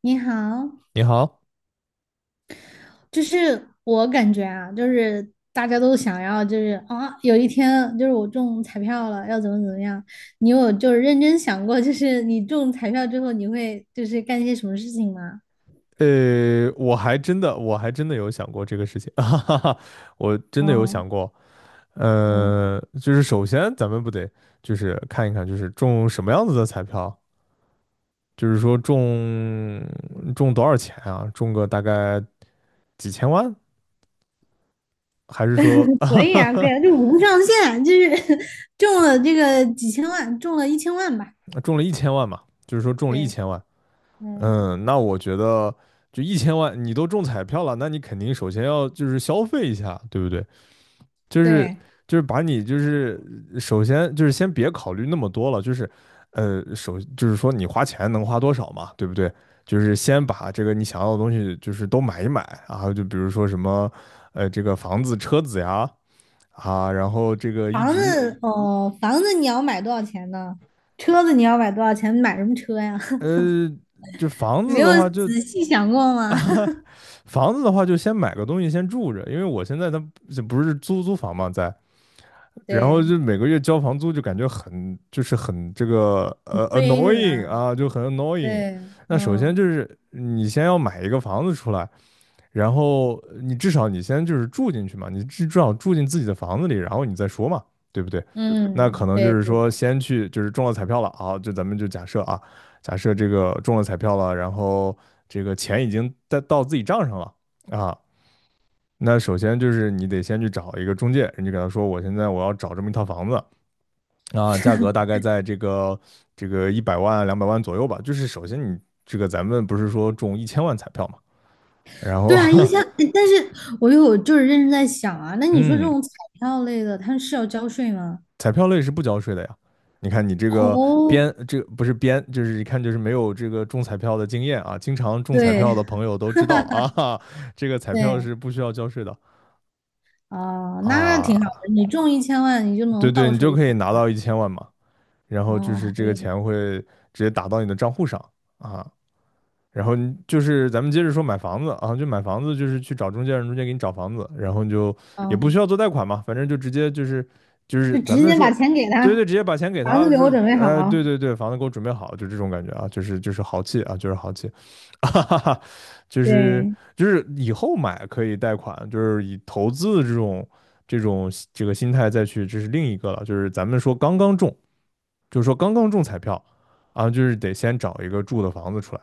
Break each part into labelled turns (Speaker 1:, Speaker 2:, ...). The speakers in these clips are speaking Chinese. Speaker 1: 你好，
Speaker 2: 你好，
Speaker 1: 就是我感觉啊，就是大家都想要，就是啊，有一天就是我中彩票了，要怎么怎么样？你有就是认真想过，就是你中彩票之后，你会就是干些什么事情吗？
Speaker 2: 我还真的有想过这个事情，哈哈哈，我真的有想过，就是首先咱们不得就是看一看，就是中什么样子的彩票，就是说中多少钱啊？中个大概几千万，还是说
Speaker 1: 啊，对啊，就无上限，就是 中了这个几千万，中了一千万吧。
Speaker 2: 中了1000万嘛？就是说中了一
Speaker 1: 对，
Speaker 2: 千万，
Speaker 1: 嗯，
Speaker 2: 嗯，那我觉得就一千万，你都中彩票了，那你肯定首先要就是消费一下，对不对？就是
Speaker 1: 对，
Speaker 2: 就是把你就是首先就是先别考虑那么多了，就是就是说你花钱能花多少嘛，对不对？就是先把这个你想要的东西就是都买一买啊，就比如说什么这个房子、车子呀啊，然后这个一
Speaker 1: 房
Speaker 2: 直
Speaker 1: 子哦，房子你要买多少钱呢？车子你要买多少钱？买什么车呀？
Speaker 2: 呃就 房
Speaker 1: 你
Speaker 2: 子
Speaker 1: 没有
Speaker 2: 的话就
Speaker 1: 仔细想过 吗？
Speaker 2: 啊。房子的话，就先买个东西先住着，因为我现在它不是租房嘛，在，然后
Speaker 1: 对，
Speaker 2: 就每个月交房租就感觉很就是很这个
Speaker 1: 很亏是
Speaker 2: annoying
Speaker 1: 吧？
Speaker 2: 啊，就很 annoying。
Speaker 1: 对，
Speaker 2: 那首先就
Speaker 1: 嗯
Speaker 2: 是你先要买一个房子出来，然后你至少你先就是住进去嘛，你至少住进自己的房子里，然后你再说嘛，对不对？那可
Speaker 1: 嗯，
Speaker 2: 能就
Speaker 1: 对
Speaker 2: 是
Speaker 1: 对
Speaker 2: 说
Speaker 1: 对，
Speaker 2: 先去就是中了彩票了啊，就咱们就假设啊，假设这个中了彩票了，然后这个钱已经在到自己账上了。啊，那首先就是你得先去找一个中介，你就给他说，我现在我要找这么一套房子啊，价格大概在这个100万两百万左右吧。就是首先你这个咱们不是说中一千万彩票嘛，然后
Speaker 1: 对啊，一千，哎但是我有就是认真在想啊，那 你说这
Speaker 2: 嗯，
Speaker 1: 种彩票类的，它是要交税吗？
Speaker 2: 彩票类是不交税的呀。你看你这个
Speaker 1: 哦，
Speaker 2: 编，这个不是编，就是一看就是没有这个中彩票的经验啊。经常中彩票
Speaker 1: 对
Speaker 2: 的朋友都知道啊，这个彩票
Speaker 1: 对，
Speaker 2: 是不需要交税的
Speaker 1: 啊、那挺好
Speaker 2: 啊。
Speaker 1: 的，你中一千万，你就
Speaker 2: 对
Speaker 1: 能
Speaker 2: 对，
Speaker 1: 到
Speaker 2: 你
Speaker 1: 手
Speaker 2: 就
Speaker 1: 一千，
Speaker 2: 可以拿到一千万嘛。然后就
Speaker 1: 哦，
Speaker 2: 是
Speaker 1: 很
Speaker 2: 这个
Speaker 1: 厉
Speaker 2: 钱会直接打到你的账户上啊。然后你就是咱们接着说买房子啊，就买房子就是去找中介，让中介给你找房子，然后你就
Speaker 1: 害。
Speaker 2: 也不
Speaker 1: 哦，
Speaker 2: 需要做贷款嘛，反正就直接就是就
Speaker 1: 就
Speaker 2: 是咱
Speaker 1: 直
Speaker 2: 们
Speaker 1: 接把
Speaker 2: 说，
Speaker 1: 钱给
Speaker 2: 对对，
Speaker 1: 他，
Speaker 2: 直接把钱给
Speaker 1: 房
Speaker 2: 他
Speaker 1: 子给我
Speaker 2: 说，
Speaker 1: 准备
Speaker 2: 哎，
Speaker 1: 好，
Speaker 2: 对对对，房子给我准备好，就这种感觉啊，就是豪气啊，就是豪气，哈哈哈，就是
Speaker 1: 对，
Speaker 2: 就是以后买可以贷款，就是以投资的这种这个心态再去，这是另一个了，就是咱们说刚刚中。就是说刚刚中彩票啊，就是得先找一个住的房子出来，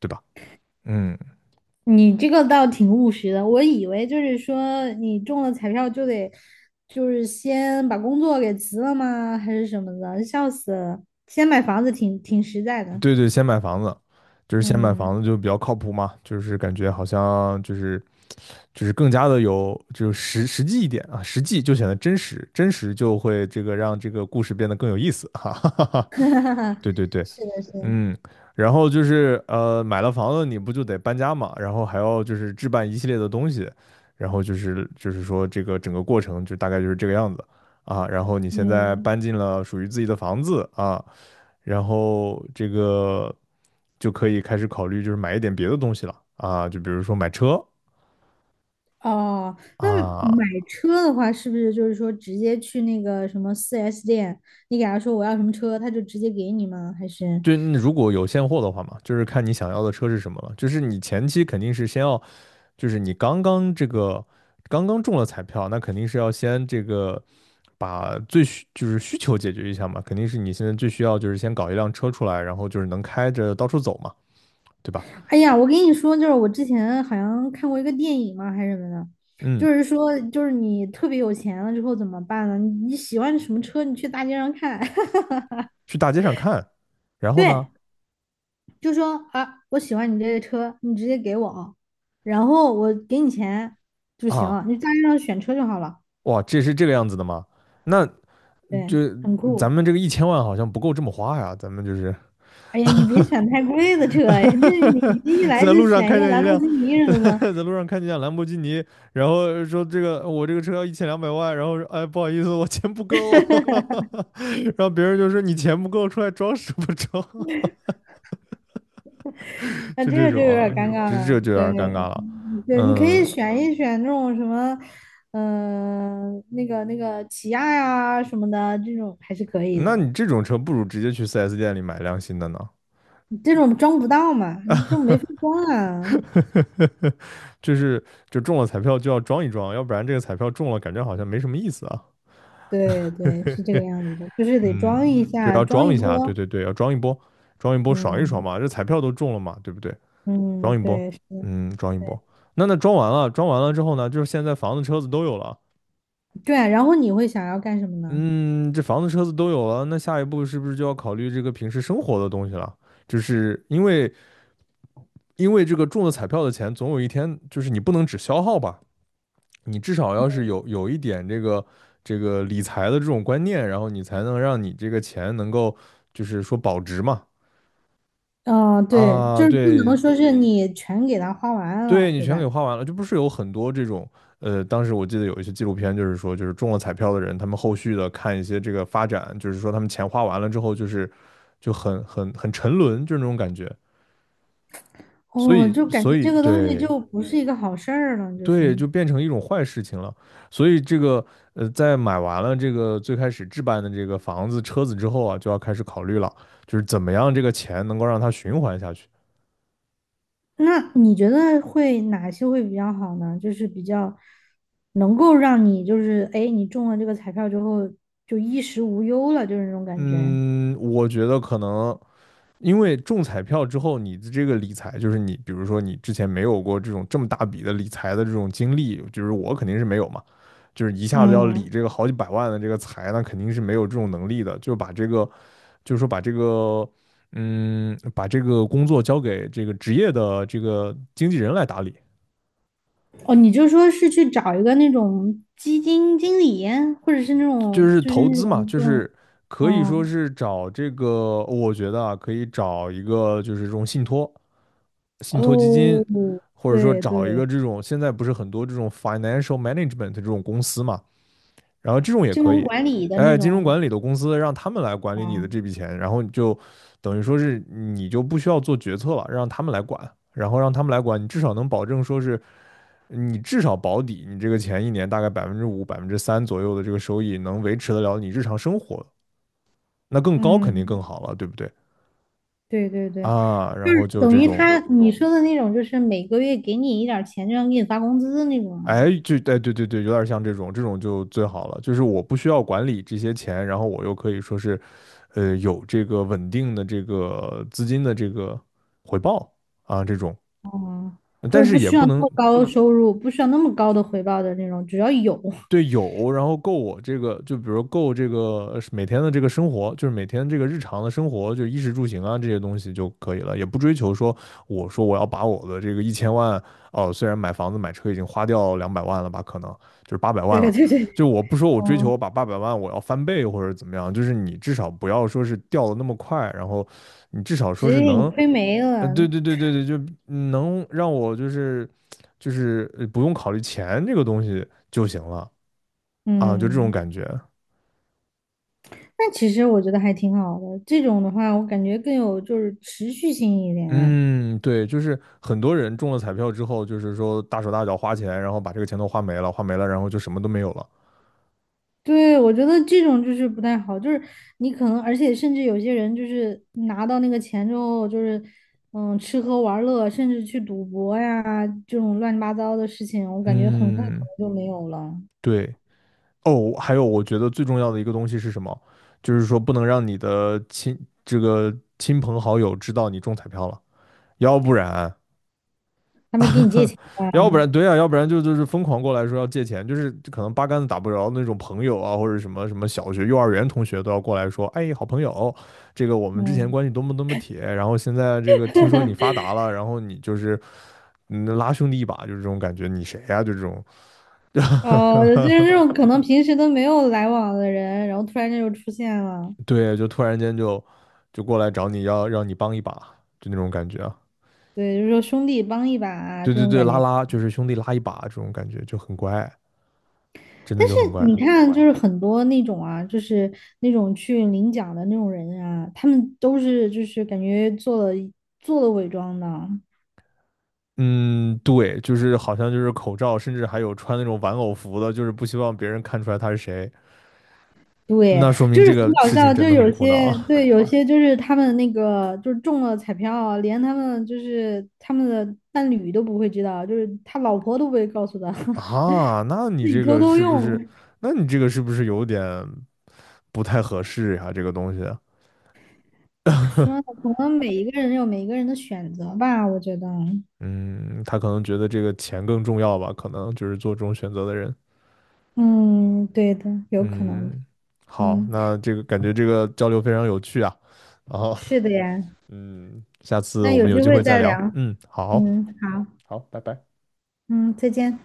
Speaker 2: 对吧？嗯，
Speaker 1: 你这个倒挺务实的，我以为就是说你中了彩票就得，就是先把工作给辞了吗？还是什么的？笑死了！先买房子挺实在的，
Speaker 2: 对对，先买房子，就是先买
Speaker 1: 嗯，
Speaker 2: 房子就比较靠谱嘛，就是感觉好像就是更加的有就是实际一点啊，实际就显得真实，真实就会这个让这个故事变得更有意思，哈哈哈哈。对对对，
Speaker 1: 是的，是的，
Speaker 2: 嗯，然后买了房子你不就得搬家嘛，然后还要就是置办一系列的东西，然后就是说这个整个过程就大概就是这个样子啊。然后你现在
Speaker 1: 嗯，
Speaker 2: 搬进了属于自己的房子啊，然后这个就可以开始考虑就是买一点别的东西了啊，就比如说买车
Speaker 1: 哦，那
Speaker 2: 啊，
Speaker 1: 买车的话，是不是就是说直接去那个什么4S店，你给他说我要什么车，他就直接给你吗？还是？
Speaker 2: 就你如果有现货的话嘛，就是看你想要的车是什么了，就是你前期肯定是先要。就是你刚刚这个刚刚中了彩票，那肯定是要先这个把就是需求解决一下嘛，肯定是你现在最需要就是先搞一辆车出来，然后就是能开着到处走嘛，对吧？
Speaker 1: 哎呀，我跟你说，就是我之前好像看过一个电影嘛，还是什么的，就
Speaker 2: 嗯，
Speaker 1: 是说，就是你特别有钱了之后怎么办呢？你喜欢什么车，你去大街上看，
Speaker 2: 去大街上看，然后
Speaker 1: 对，
Speaker 2: 呢，
Speaker 1: 就说啊，我喜欢你这个车，你直接给我，然后我给你钱就行
Speaker 2: 啊，
Speaker 1: 了，你大街上选车就好了，
Speaker 2: 哇，这是这个样子的吗？那就
Speaker 1: 对，很酷。
Speaker 2: 咱们这个一千万好像不够这么花呀，咱们就是
Speaker 1: 哎呀，你别选太贵的车呀，就是你一 来
Speaker 2: 在
Speaker 1: 就
Speaker 2: 路上
Speaker 1: 选一
Speaker 2: 看
Speaker 1: 个
Speaker 2: 见一
Speaker 1: 兰博
Speaker 2: 辆，
Speaker 1: 基尼什么 的，
Speaker 2: 在路上看见一辆兰博基尼，然后说这个我这个车要1200万，然后说哎不好意思我钱不够，然后别人就说你钱不够出来装什么装，
Speaker 1: 那
Speaker 2: 就
Speaker 1: 这
Speaker 2: 这
Speaker 1: 个就
Speaker 2: 种
Speaker 1: 有点
Speaker 2: 啊，
Speaker 1: 尴尬
Speaker 2: 这
Speaker 1: 了，
Speaker 2: 这就有
Speaker 1: 对。
Speaker 2: 点尴尬了。
Speaker 1: 对，你可以
Speaker 2: 嗯，
Speaker 1: 选一选那种什么，嗯、那个那个起亚呀什么的，这种还是可以的。
Speaker 2: 那你这种车不如直接去四 s 店里买辆新的呢，
Speaker 1: 这种装不到嘛，你这种没法装啊。
Speaker 2: 就是就中了彩票就要装一装，要不然这个彩票中了感觉好像没什么意思啊。
Speaker 1: 对对，是这个样子的，就是得装一
Speaker 2: 嗯，就
Speaker 1: 下，
Speaker 2: 要
Speaker 1: 装
Speaker 2: 装
Speaker 1: 一
Speaker 2: 一下，对
Speaker 1: 波。
Speaker 2: 对对，要装一波，装一波爽一爽
Speaker 1: 嗯
Speaker 2: 嘛，这彩票都中了嘛，对不对？
Speaker 1: 嗯，
Speaker 2: 装一波，
Speaker 1: 对，是的，
Speaker 2: 嗯，装一
Speaker 1: 对
Speaker 2: 波。那装完了，装完了之后呢，就是现在房子、车子都有了，
Speaker 1: 对啊然后你会想要干什么呢？
Speaker 2: 嗯，这房子、车子都有了，那下一步是不是就要考虑这个平时生活的东西了？就是因为这个中了彩票的钱，总有一天就是你不能只消耗吧，你至少要是有一点这个这个理财的这种观念，然后你才能让你这个钱能够就是说保值嘛。
Speaker 1: 嗯、对，
Speaker 2: 啊，
Speaker 1: 就是不能
Speaker 2: 对
Speaker 1: 说是你全给它花完
Speaker 2: 对，
Speaker 1: 了，
Speaker 2: 你
Speaker 1: 对
Speaker 2: 全
Speaker 1: 吧？
Speaker 2: 给花完了，就不是有很多这种，当时我记得有一些纪录片，就是说，就是中了彩票的人，他们后续的看一些这个发展，就是说他们钱花完了之后，就是就很沉沦，就是那种感觉，所
Speaker 1: 哦，
Speaker 2: 以
Speaker 1: 就感
Speaker 2: 所
Speaker 1: 觉
Speaker 2: 以
Speaker 1: 这个东西
Speaker 2: 对
Speaker 1: 就不是一个好事儿了，就是。
Speaker 2: 对，就变成一种坏事情了，所以这个在买完了这个最开始置办的这个房子、车子之后啊，就要开始考虑了，就是怎么样这个钱能够让它循环下去。
Speaker 1: 那你觉得会哪些会比较好呢？就是比较能够让你就是哎，诶你中了这个彩票之后就衣食无忧了，就是那种感觉。
Speaker 2: 嗯，我觉得可能。因为中彩票之后，你的这个理财，就是你比如说你之前没有过这种这么大笔的理财的这种经历，就是我肯定是没有嘛，就是一下子要理
Speaker 1: 嗯，
Speaker 2: 这个好几百万的这个财，那肯定是没有这种能力的，就把这个就是说把这个把这个工作交给这个职业的这个经纪人来打理，
Speaker 1: 哦，你就说是去找一个那种基金经理，或者是那
Speaker 2: 就
Speaker 1: 种
Speaker 2: 是
Speaker 1: 就是
Speaker 2: 投
Speaker 1: 那
Speaker 2: 资嘛，
Speaker 1: 种
Speaker 2: 就
Speaker 1: 这种
Speaker 2: 是可以说
Speaker 1: 嗯
Speaker 2: 是找这个，我觉得啊，可以找一个就是这种信托。信托基
Speaker 1: 哦，
Speaker 2: 金，或者说
Speaker 1: 对
Speaker 2: 找一
Speaker 1: 对，
Speaker 2: 个这种现在不是很多这种 financial management 这种公司嘛，然后这种也
Speaker 1: 金
Speaker 2: 可
Speaker 1: 融
Speaker 2: 以，
Speaker 1: 管理的
Speaker 2: 哎，
Speaker 1: 那
Speaker 2: 金融
Speaker 1: 种。
Speaker 2: 管理的公司让他们来管理你的这
Speaker 1: 嗯，
Speaker 2: 笔钱，然后你就等于说是你就不需要做决策了，让他们来管，然后让他们来管，你至少能保证说是你至少保底，你这个钱一年大概5%、3%左右的这个收益能维持得了你日常生活，那更高肯定更
Speaker 1: 嗯，
Speaker 2: 好了，对不对？
Speaker 1: 对对对，
Speaker 2: 啊，然后就
Speaker 1: 等
Speaker 2: 这
Speaker 1: 于
Speaker 2: 种。
Speaker 1: 他你说的那种，就是每个月给你一点儿钱，就像给你发工资的那种吗？
Speaker 2: 哎，对对对，有点像这种，这种就最好了。就是我不需要管理这些钱，然后我又可以说是，有这个稳定的这个资金的这个回报啊，这种。
Speaker 1: 哦，就
Speaker 2: 但
Speaker 1: 是不
Speaker 2: 是也
Speaker 1: 需要
Speaker 2: 不
Speaker 1: 那
Speaker 2: 能，
Speaker 1: 么高的收入，不需要那么高的回报的那种，只要有，
Speaker 2: 对有，然后够我这个，就比如够这个每天的这个生活，就是每天这个日常的生活，就衣食住行啊这些东西就可以了，也不追求说我说我要把我的这个一千万哦，虽然买房子买车已经花掉两百万了吧，可能就是八百
Speaker 1: 对
Speaker 2: 万
Speaker 1: 对
Speaker 2: 了，
Speaker 1: 对对，
Speaker 2: 就我不说我追求
Speaker 1: 嗯，
Speaker 2: 我把八百万我要翻倍或者怎么样，就是你至少不要说是掉的那么快，然后你至少说
Speaker 1: 直
Speaker 2: 是
Speaker 1: 接给你
Speaker 2: 能，
Speaker 1: 亏没
Speaker 2: 对
Speaker 1: 了，
Speaker 2: 对对对对，就能让我就是不用考虑钱这个东西就行了。啊，就这种
Speaker 1: 嗯，
Speaker 2: 感觉。
Speaker 1: 那其实我觉得还挺好的，这种的话，我感觉更有就是持续性一点。
Speaker 2: 嗯，对，就是很多人中了彩票之后，就是说大手大脚花钱，然后把这个钱都花没了，花没了，然后就什么都没有了。
Speaker 1: 对，我觉得这种就是不太好，就是你可能，而且甚至有些人就是拿到那个钱之后，就是嗯，吃喝玩乐，甚至去赌博呀，这种乱七八糟的事情，我感觉很快可
Speaker 2: 嗯，
Speaker 1: 能就没有了。
Speaker 2: 对。哦，还有我觉得最重要的一个东西是什么？就是说不能让你的这个亲朋好友知道你中彩票了，要不然
Speaker 1: 他们给你借钱
Speaker 2: 要不
Speaker 1: 啊，
Speaker 2: 然对啊，要不然就是疯狂过来说要借钱，就是可能八竿子打不着那种朋友啊，或者什么什么小学、幼儿园同学都要过来说，哎，好朋友，这个我们之前
Speaker 1: 嗯，
Speaker 2: 关系多么多么铁，然后现在这个听说你发达了，然后你就是拉兄弟一把，就是这种感觉，你谁呀、啊就这种
Speaker 1: 哦，就是那种可能平时都没有来往的人，然后突然间就出现了，
Speaker 2: 对，就突然间就过来找你要让你帮一把，就那种感觉啊，
Speaker 1: 对，就是说兄弟帮一把啊
Speaker 2: 对
Speaker 1: 这
Speaker 2: 对
Speaker 1: 种
Speaker 2: 对，
Speaker 1: 感
Speaker 2: 拉
Speaker 1: 觉。
Speaker 2: 拉就是兄弟拉一把这种感觉就很乖，真的
Speaker 1: 但是
Speaker 2: 就很乖。
Speaker 1: 你看，就是很多那种啊，就是那种去领奖的那种人啊，他们都是就是感觉做了伪装的，
Speaker 2: 嗯，对，就是好像就是口罩，甚至还有穿那种玩偶服的，就是不希望别人看出来他是谁。
Speaker 1: 对，
Speaker 2: 那说明
Speaker 1: 就是
Speaker 2: 这
Speaker 1: 很
Speaker 2: 个
Speaker 1: 搞
Speaker 2: 事情
Speaker 1: 笑，
Speaker 2: 真
Speaker 1: 就
Speaker 2: 的很
Speaker 1: 有
Speaker 2: 苦恼
Speaker 1: 些对，有些就是他们那个就是中了彩票，连他们就是他们的伴侣都不会知道，就是他老婆都不会告诉他，
Speaker 2: 啊。
Speaker 1: 自己偷偷用。
Speaker 2: 那你这个是不是有点不太合适呀、这个东西，
Speaker 1: 咋说呢？可能每一个人有每一个人的选择吧，我觉得，
Speaker 2: 嗯，他可能觉得这个钱更重要吧，可能就是做这种选择的人。
Speaker 1: 嗯，对的，有可能的，
Speaker 2: 嗯，好，
Speaker 1: 嗯，
Speaker 2: 那这个感觉这个交流非常有趣啊。然后，
Speaker 1: 是的呀。
Speaker 2: 嗯，下次
Speaker 1: 那
Speaker 2: 我
Speaker 1: 有
Speaker 2: 们有
Speaker 1: 机
Speaker 2: 机
Speaker 1: 会
Speaker 2: 会再
Speaker 1: 再
Speaker 2: 聊。
Speaker 1: 聊，
Speaker 2: 嗯，好，
Speaker 1: 嗯，好，
Speaker 2: 好，拜拜。
Speaker 1: 嗯，再见。